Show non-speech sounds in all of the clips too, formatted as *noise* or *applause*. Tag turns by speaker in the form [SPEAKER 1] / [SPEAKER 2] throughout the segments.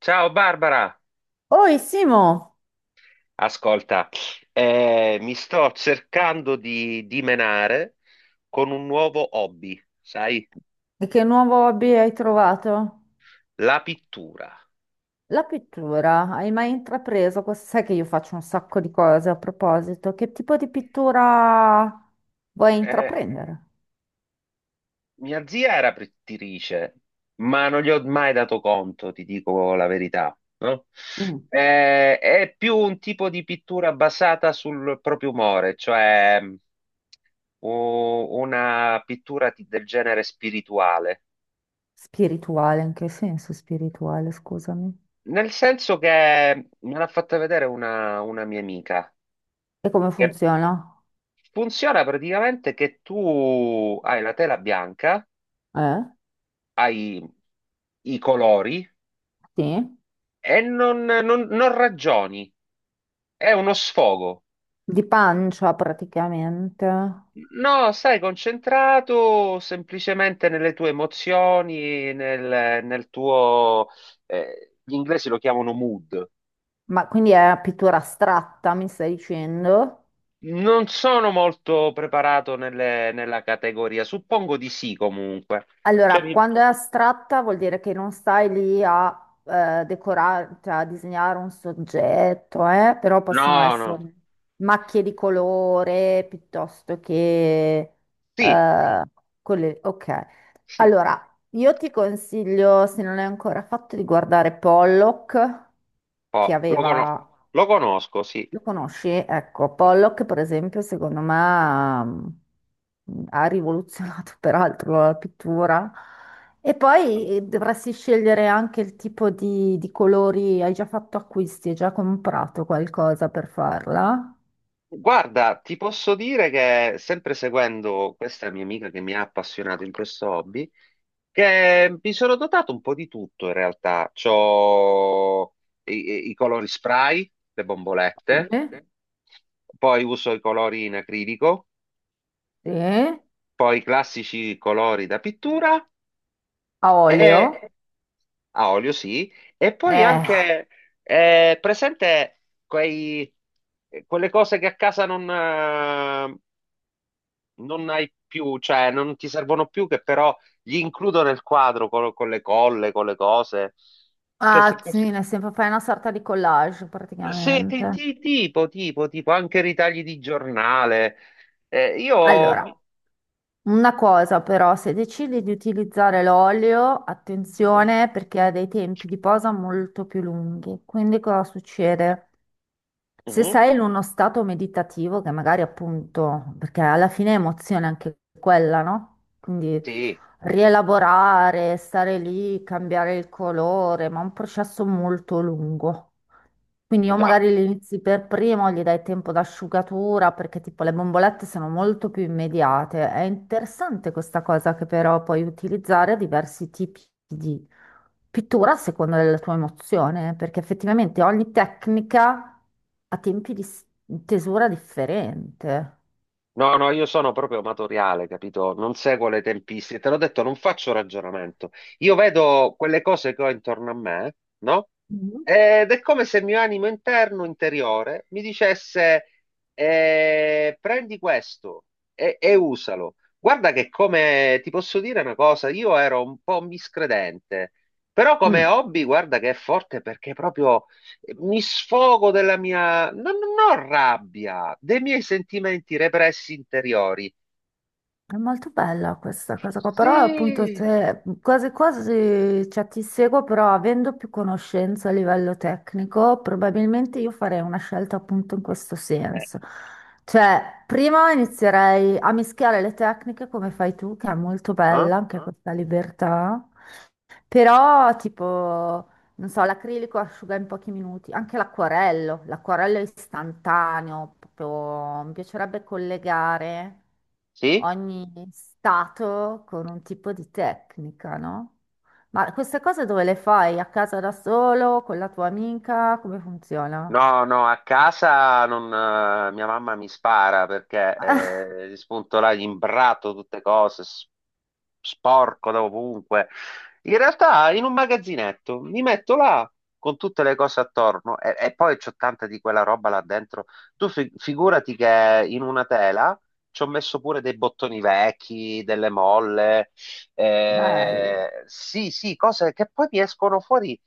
[SPEAKER 1] Ciao Barbara,
[SPEAKER 2] Oi Simo,
[SPEAKER 1] ascolta, mi sto cercando di dimenare con un nuovo hobby, sai,
[SPEAKER 2] e che nuovo hobby hai trovato?
[SPEAKER 1] la pittura.
[SPEAKER 2] La pittura, hai mai intrapreso questo? Sai che io faccio un sacco di cose a proposito. Che tipo di pittura vuoi
[SPEAKER 1] Eh,
[SPEAKER 2] intraprendere?
[SPEAKER 1] Mia zia era pittrice, ma non gli ho mai dato conto, ti dico la verità, no?
[SPEAKER 2] Mm.
[SPEAKER 1] È più un tipo di pittura basata sul proprio umore, cioè una pittura del genere spirituale.
[SPEAKER 2] Spirituale, in che senso spirituale, scusami.
[SPEAKER 1] Nel senso che me l'ha fatta vedere una mia amica.
[SPEAKER 2] E come
[SPEAKER 1] Che
[SPEAKER 2] funziona?
[SPEAKER 1] funziona praticamente che tu hai la tela bianca,
[SPEAKER 2] Eh?
[SPEAKER 1] hai i colori
[SPEAKER 2] Sì?
[SPEAKER 1] e non ragioni, è uno sfogo.
[SPEAKER 2] Di pancia praticamente.
[SPEAKER 1] No, stai concentrato semplicemente nelle tue emozioni, nel tuo... gli inglesi lo chiamano mood.
[SPEAKER 2] Ma quindi è pittura astratta, mi stai dicendo?
[SPEAKER 1] Non sono molto preparato nella categoria, suppongo di sì comunque. Cioè,
[SPEAKER 2] Allora,
[SPEAKER 1] mi-
[SPEAKER 2] quando è astratta vuol dire che non stai lì a decorare, cioè a disegnare un soggetto, però possono
[SPEAKER 1] No, no,
[SPEAKER 2] essere macchie di colore piuttosto che.
[SPEAKER 1] sì,
[SPEAKER 2] eh, Ok,
[SPEAKER 1] sì.
[SPEAKER 2] allora, io ti consiglio, se non l'hai ancora fatto, di guardare Pollock, che
[SPEAKER 1] Oh, lo, cono-
[SPEAKER 2] aveva
[SPEAKER 1] lo conosco, sì.
[SPEAKER 2] lo conosci? Ecco, Pollock, per esempio, secondo me ha rivoluzionato *laughs* peraltro la pittura. E poi dovresti scegliere anche il tipo di colori. Hai già fatto acquisti, hai già comprato qualcosa per farla?
[SPEAKER 1] Guarda, ti posso dire che sempre seguendo questa mia amica che mi ha appassionato in questo hobby, che mi sono dotato un po' di tutto in realtà. C'ho i colori spray, le bombolette,
[SPEAKER 2] Sì.
[SPEAKER 1] poi uso i colori in acrilico,
[SPEAKER 2] Sì.
[SPEAKER 1] poi i classici colori da pittura.
[SPEAKER 2] A olio?
[SPEAKER 1] A olio sì, e poi
[SPEAKER 2] Eh,
[SPEAKER 1] anche presente quei, quelle cose che a casa non hai più, cioè non ti servono più, che però gli includo nel quadro con le colle, con le cose. Cioè, se-
[SPEAKER 2] ah, sì, nel senso fai una sorta di collage
[SPEAKER 1] sì,
[SPEAKER 2] praticamente.
[SPEAKER 1] tipo, tipo, anche ritagli di giornale. Io...
[SPEAKER 2] Allora, una cosa però, se decidi di utilizzare l'olio,
[SPEAKER 1] Sì.
[SPEAKER 2] attenzione perché ha dei tempi di posa molto più lunghi. Quindi cosa succede? Se
[SPEAKER 1] Mhm.
[SPEAKER 2] sei in uno stato meditativo, che magari appunto, perché alla fine è emozione anche quella, no? Quindi
[SPEAKER 1] Sì,
[SPEAKER 2] rielaborare, stare lì, cambiare il colore, ma è un processo molto lungo. Quindi o
[SPEAKER 1] già.
[SPEAKER 2] magari li inizi per primo, gli dai tempo d'asciugatura, perché tipo le bombolette sono molto più immediate. È interessante questa cosa che però puoi utilizzare diversi tipi di pittura a seconda della tua emozione, perché effettivamente ogni tecnica ha tempi di tesura differente.
[SPEAKER 1] No, no, io sono proprio amatoriale, capito? Non seguo le tempistiche. Te l'ho detto, non faccio ragionamento. Io vedo quelle cose che ho intorno a me, no?
[SPEAKER 2] Mhm.
[SPEAKER 1] Ed è come se il mio animo interno, interiore, mi dicesse, prendi questo e usalo. Guarda che come, ti posso dire una cosa, io ero un po' miscredente, però come
[SPEAKER 2] Mm.
[SPEAKER 1] hobby, guarda che è forte perché proprio mi sfogo della mia, non ho rabbia, dei miei sentimenti repressi interiori.
[SPEAKER 2] È molto bella questa cosa qua, però appunto
[SPEAKER 1] Sì.
[SPEAKER 2] se quasi quasi cioè, ti seguo, però avendo più conoscenza a livello tecnico, probabilmente io farei una scelta appunto in questo
[SPEAKER 1] Eh,
[SPEAKER 2] senso. Cioè, prima inizierei a mischiare le tecniche come fai tu, che è molto
[SPEAKER 1] ah?
[SPEAKER 2] bella anche questa libertà, però, tipo, non so, l'acrilico asciuga in pochi minuti, anche l'acquarello, l'acquarello è istantaneo, proprio mi piacerebbe collegare
[SPEAKER 1] Sì?
[SPEAKER 2] ogni stato con un tipo di tecnica, no? Ma queste cose dove le fai? A casa da solo, con la tua amica? Come funziona?
[SPEAKER 1] No, no, a casa non, mia mamma mi spara perché
[SPEAKER 2] *laughs*
[SPEAKER 1] spunto là, gli imbrato tutte cose, sporco da ovunque. In realtà in un magazzinetto mi metto là con tutte le cose attorno e poi c'ho tanta di quella roba là dentro. Tu figurati che in una tela ci ho messo pure dei bottoni vecchi, delle molle,
[SPEAKER 2] Ah, bello.
[SPEAKER 1] sì, sì, cose che poi mi escono fuori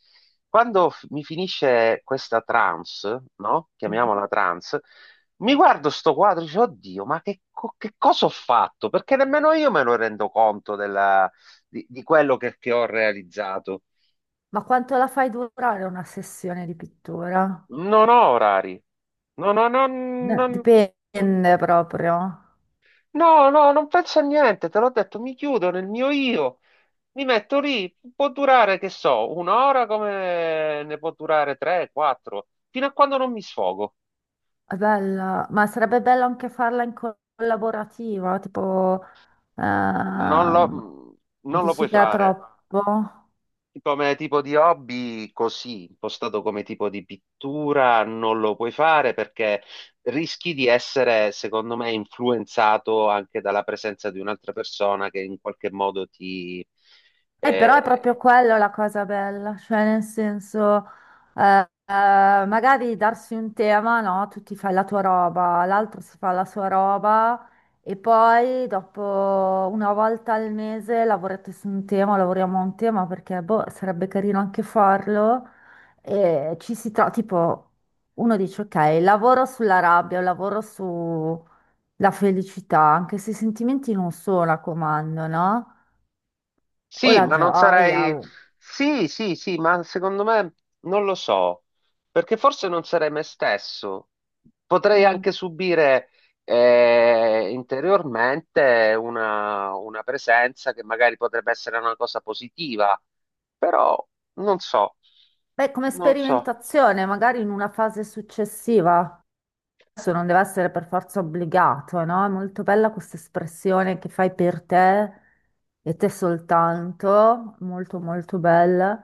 [SPEAKER 1] quando mi finisce questa trance, no? Chiamiamola
[SPEAKER 2] Mhm.
[SPEAKER 1] trance, mi guardo sto quadro e dico, oddio, che cosa ho fatto? Perché nemmeno io me ne rendo conto di quello che ho realizzato.
[SPEAKER 2] Ma quanto la fai durare una sessione di pittura?
[SPEAKER 1] Non ho orari. No, no, no,
[SPEAKER 2] Dipende proprio.
[SPEAKER 1] no, no, non penso a niente, te l'ho detto, mi chiudo nel mio io, mi metto lì, può durare, che so, un'ora come ne può durare tre, quattro, fino a quando non mi sfogo.
[SPEAKER 2] È bella, ma sarebbe bello anche farla in collaborativa, tipo,
[SPEAKER 1] Non lo,
[SPEAKER 2] ehm,
[SPEAKER 1] non lo
[SPEAKER 2] dici
[SPEAKER 1] puoi
[SPEAKER 2] che è
[SPEAKER 1] fare.
[SPEAKER 2] troppo?
[SPEAKER 1] Come tipo di hobby, così, impostato come tipo di pittura, non lo puoi fare perché rischi di essere, secondo me, influenzato anche dalla presenza di un'altra persona che in qualche modo ti,
[SPEAKER 2] Però è
[SPEAKER 1] eh,
[SPEAKER 2] proprio quello la cosa bella, cioè nel senso, magari darsi un tema, no? Tu ti fai la tua roba, l'altro si fa la sua roba e poi dopo una volta al mese lavorate su un tema, lavoriamo a un tema perché boh, sarebbe carino anche farlo e ci si trova, tipo, uno dice ok, lavoro sulla rabbia, lavoro sulla felicità, anche se i sentimenti non sono a comando, no? O
[SPEAKER 1] Sì,
[SPEAKER 2] la
[SPEAKER 1] ma non
[SPEAKER 2] gioia.
[SPEAKER 1] sarei... Sì, sì, sì, ma secondo me non lo so, perché forse non sarei me stesso. Potrei
[SPEAKER 2] Mm.
[SPEAKER 1] anche subire interiormente una presenza che magari potrebbe essere una cosa positiva, però non so,
[SPEAKER 2] Beh, come
[SPEAKER 1] non so.
[SPEAKER 2] sperimentazione, magari in una fase successiva, adesso non deve essere per forza obbligato, no? È molto bella questa espressione che fai per te e te soltanto, molto molto bella.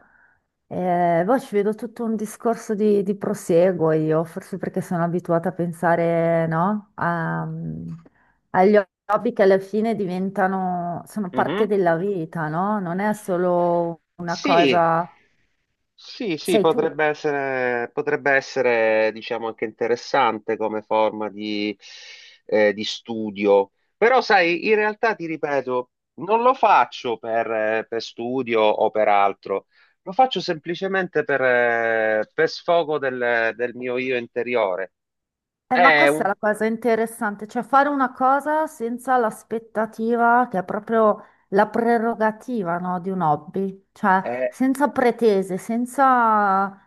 [SPEAKER 2] E poi ci vedo tutto un discorso di prosieguo io, forse perché sono abituata a pensare, no? Agli hobby che alla fine diventano, sono parte
[SPEAKER 1] Mhm.
[SPEAKER 2] della vita, no? Non è solo una
[SPEAKER 1] Sì,
[SPEAKER 2] cosa,
[SPEAKER 1] sì, sì,
[SPEAKER 2] sei tu.
[SPEAKER 1] potrebbe essere, diciamo, anche interessante come forma di studio. Però, sai, in realtà ti ripeto, non lo faccio per studio o per altro, lo faccio semplicemente per sfogo del mio io interiore.
[SPEAKER 2] Ma
[SPEAKER 1] È
[SPEAKER 2] questa
[SPEAKER 1] un...
[SPEAKER 2] è la cosa interessante, cioè fare una cosa senza l'aspettativa, che è proprio la prerogativa, no, di un hobby, cioè
[SPEAKER 1] è-
[SPEAKER 2] senza pretese, senza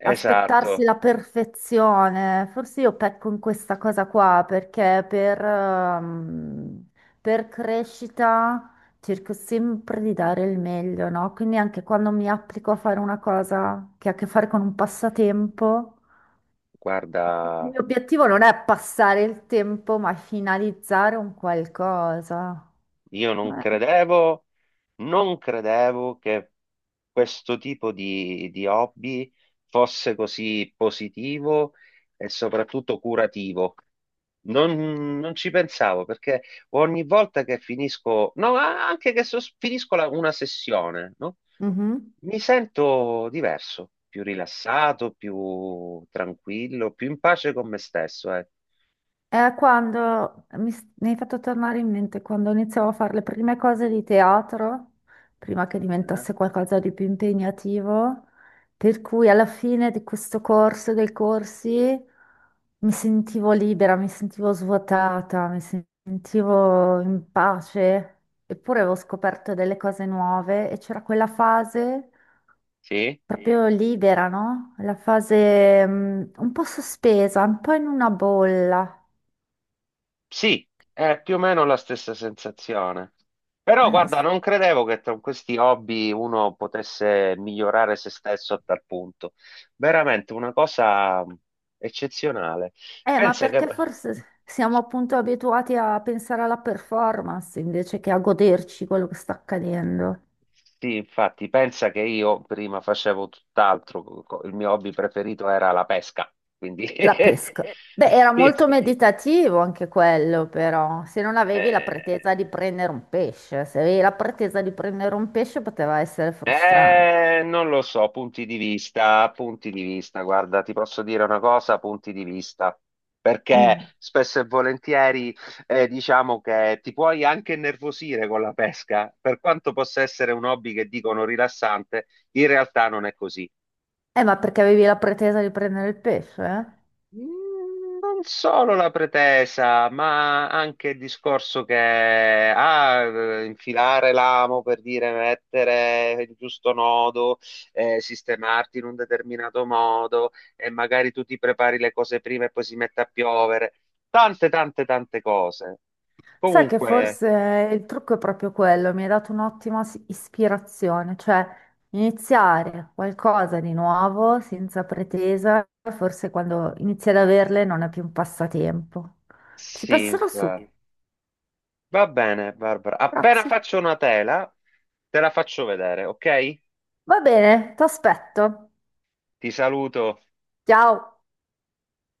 [SPEAKER 2] aspettarsi la perfezione. Forse io pecco in questa cosa qua perché per crescita cerco sempre di dare il meglio, no? Quindi anche quando mi applico a fare una cosa che ha a che fare con un passatempo. Il
[SPEAKER 1] guarda.
[SPEAKER 2] mio obiettivo non è passare il tempo, ma finalizzare un qualcosa.
[SPEAKER 1] Io non
[SPEAKER 2] Eh.
[SPEAKER 1] credevo, non credevo che questo tipo di hobby fosse così positivo e soprattutto curativo. Non ci pensavo perché ogni volta che finisco, no, anche che finisco una sessione, no?
[SPEAKER 2] Mhm.
[SPEAKER 1] Mi sento diverso, più rilassato, più tranquillo, più in pace con me stesso, eh.
[SPEAKER 2] È quando mi hai fatto tornare in mente quando iniziavo a fare le prime cose di teatro, prima che
[SPEAKER 1] Eh?
[SPEAKER 2] diventasse qualcosa di più impegnativo, per cui alla fine di questo corso, dei corsi, mi sentivo libera, mi sentivo svuotata, mi sentivo in pace, eppure avevo scoperto delle cose nuove e c'era quella fase
[SPEAKER 1] Sì?
[SPEAKER 2] proprio libera, no? La fase, un po' sospesa, un po' in una bolla.
[SPEAKER 1] Sì, è più o meno la stessa sensazione. Però
[SPEAKER 2] Eh,
[SPEAKER 1] guarda, non credevo che con questi hobby uno potesse migliorare se stesso a tal punto. Veramente una cosa eccezionale.
[SPEAKER 2] Ma
[SPEAKER 1] Pensa che...
[SPEAKER 2] perché forse siamo appunto abituati a pensare alla performance invece che a goderci quello che sta accadendo?
[SPEAKER 1] Sì, infatti, pensa che io prima facevo tutt'altro, il mio hobby preferito era la pesca, quindi...
[SPEAKER 2] La
[SPEAKER 1] *laughs*
[SPEAKER 2] pesca. Beh, era
[SPEAKER 1] Sì,
[SPEAKER 2] molto
[SPEAKER 1] sì.
[SPEAKER 2] meditativo anche quello, però, se non avevi la
[SPEAKER 1] Eh,
[SPEAKER 2] pretesa di prendere un pesce, se avevi la pretesa di prendere un pesce poteva essere frustrante.
[SPEAKER 1] Eh, non lo so, punti di vista, guarda, ti posso dire una cosa, punti di vista, perché
[SPEAKER 2] Mm.
[SPEAKER 1] spesso e volentieri diciamo che ti puoi anche innervosire con la pesca, per quanto possa essere un hobby che dicono rilassante, in realtà non è così.
[SPEAKER 2] Ma perché avevi la pretesa di prendere il pesce? Eh?
[SPEAKER 1] Mm, non solo la pretesa, ma anche il discorso che infilare l'amo per dire mettere il giusto nodo, sistemarti in un determinato modo e magari tu ti prepari le cose prima e poi si mette a piovere. Tante, tante, tante cose.
[SPEAKER 2] Sai che
[SPEAKER 1] Comunque,
[SPEAKER 2] forse il trucco è proprio quello, mi hai dato un'ottima ispirazione, cioè iniziare qualcosa di nuovo senza pretesa, forse quando inizi ad averle non è più un passatempo. Ci
[SPEAKER 1] sì,
[SPEAKER 2] passerò su.
[SPEAKER 1] va bene, Barbara. Appena
[SPEAKER 2] Grazie.
[SPEAKER 1] faccio una tela, te la faccio vedere, ok?
[SPEAKER 2] Va bene, ti aspetto.
[SPEAKER 1] Ti saluto.
[SPEAKER 2] Ciao.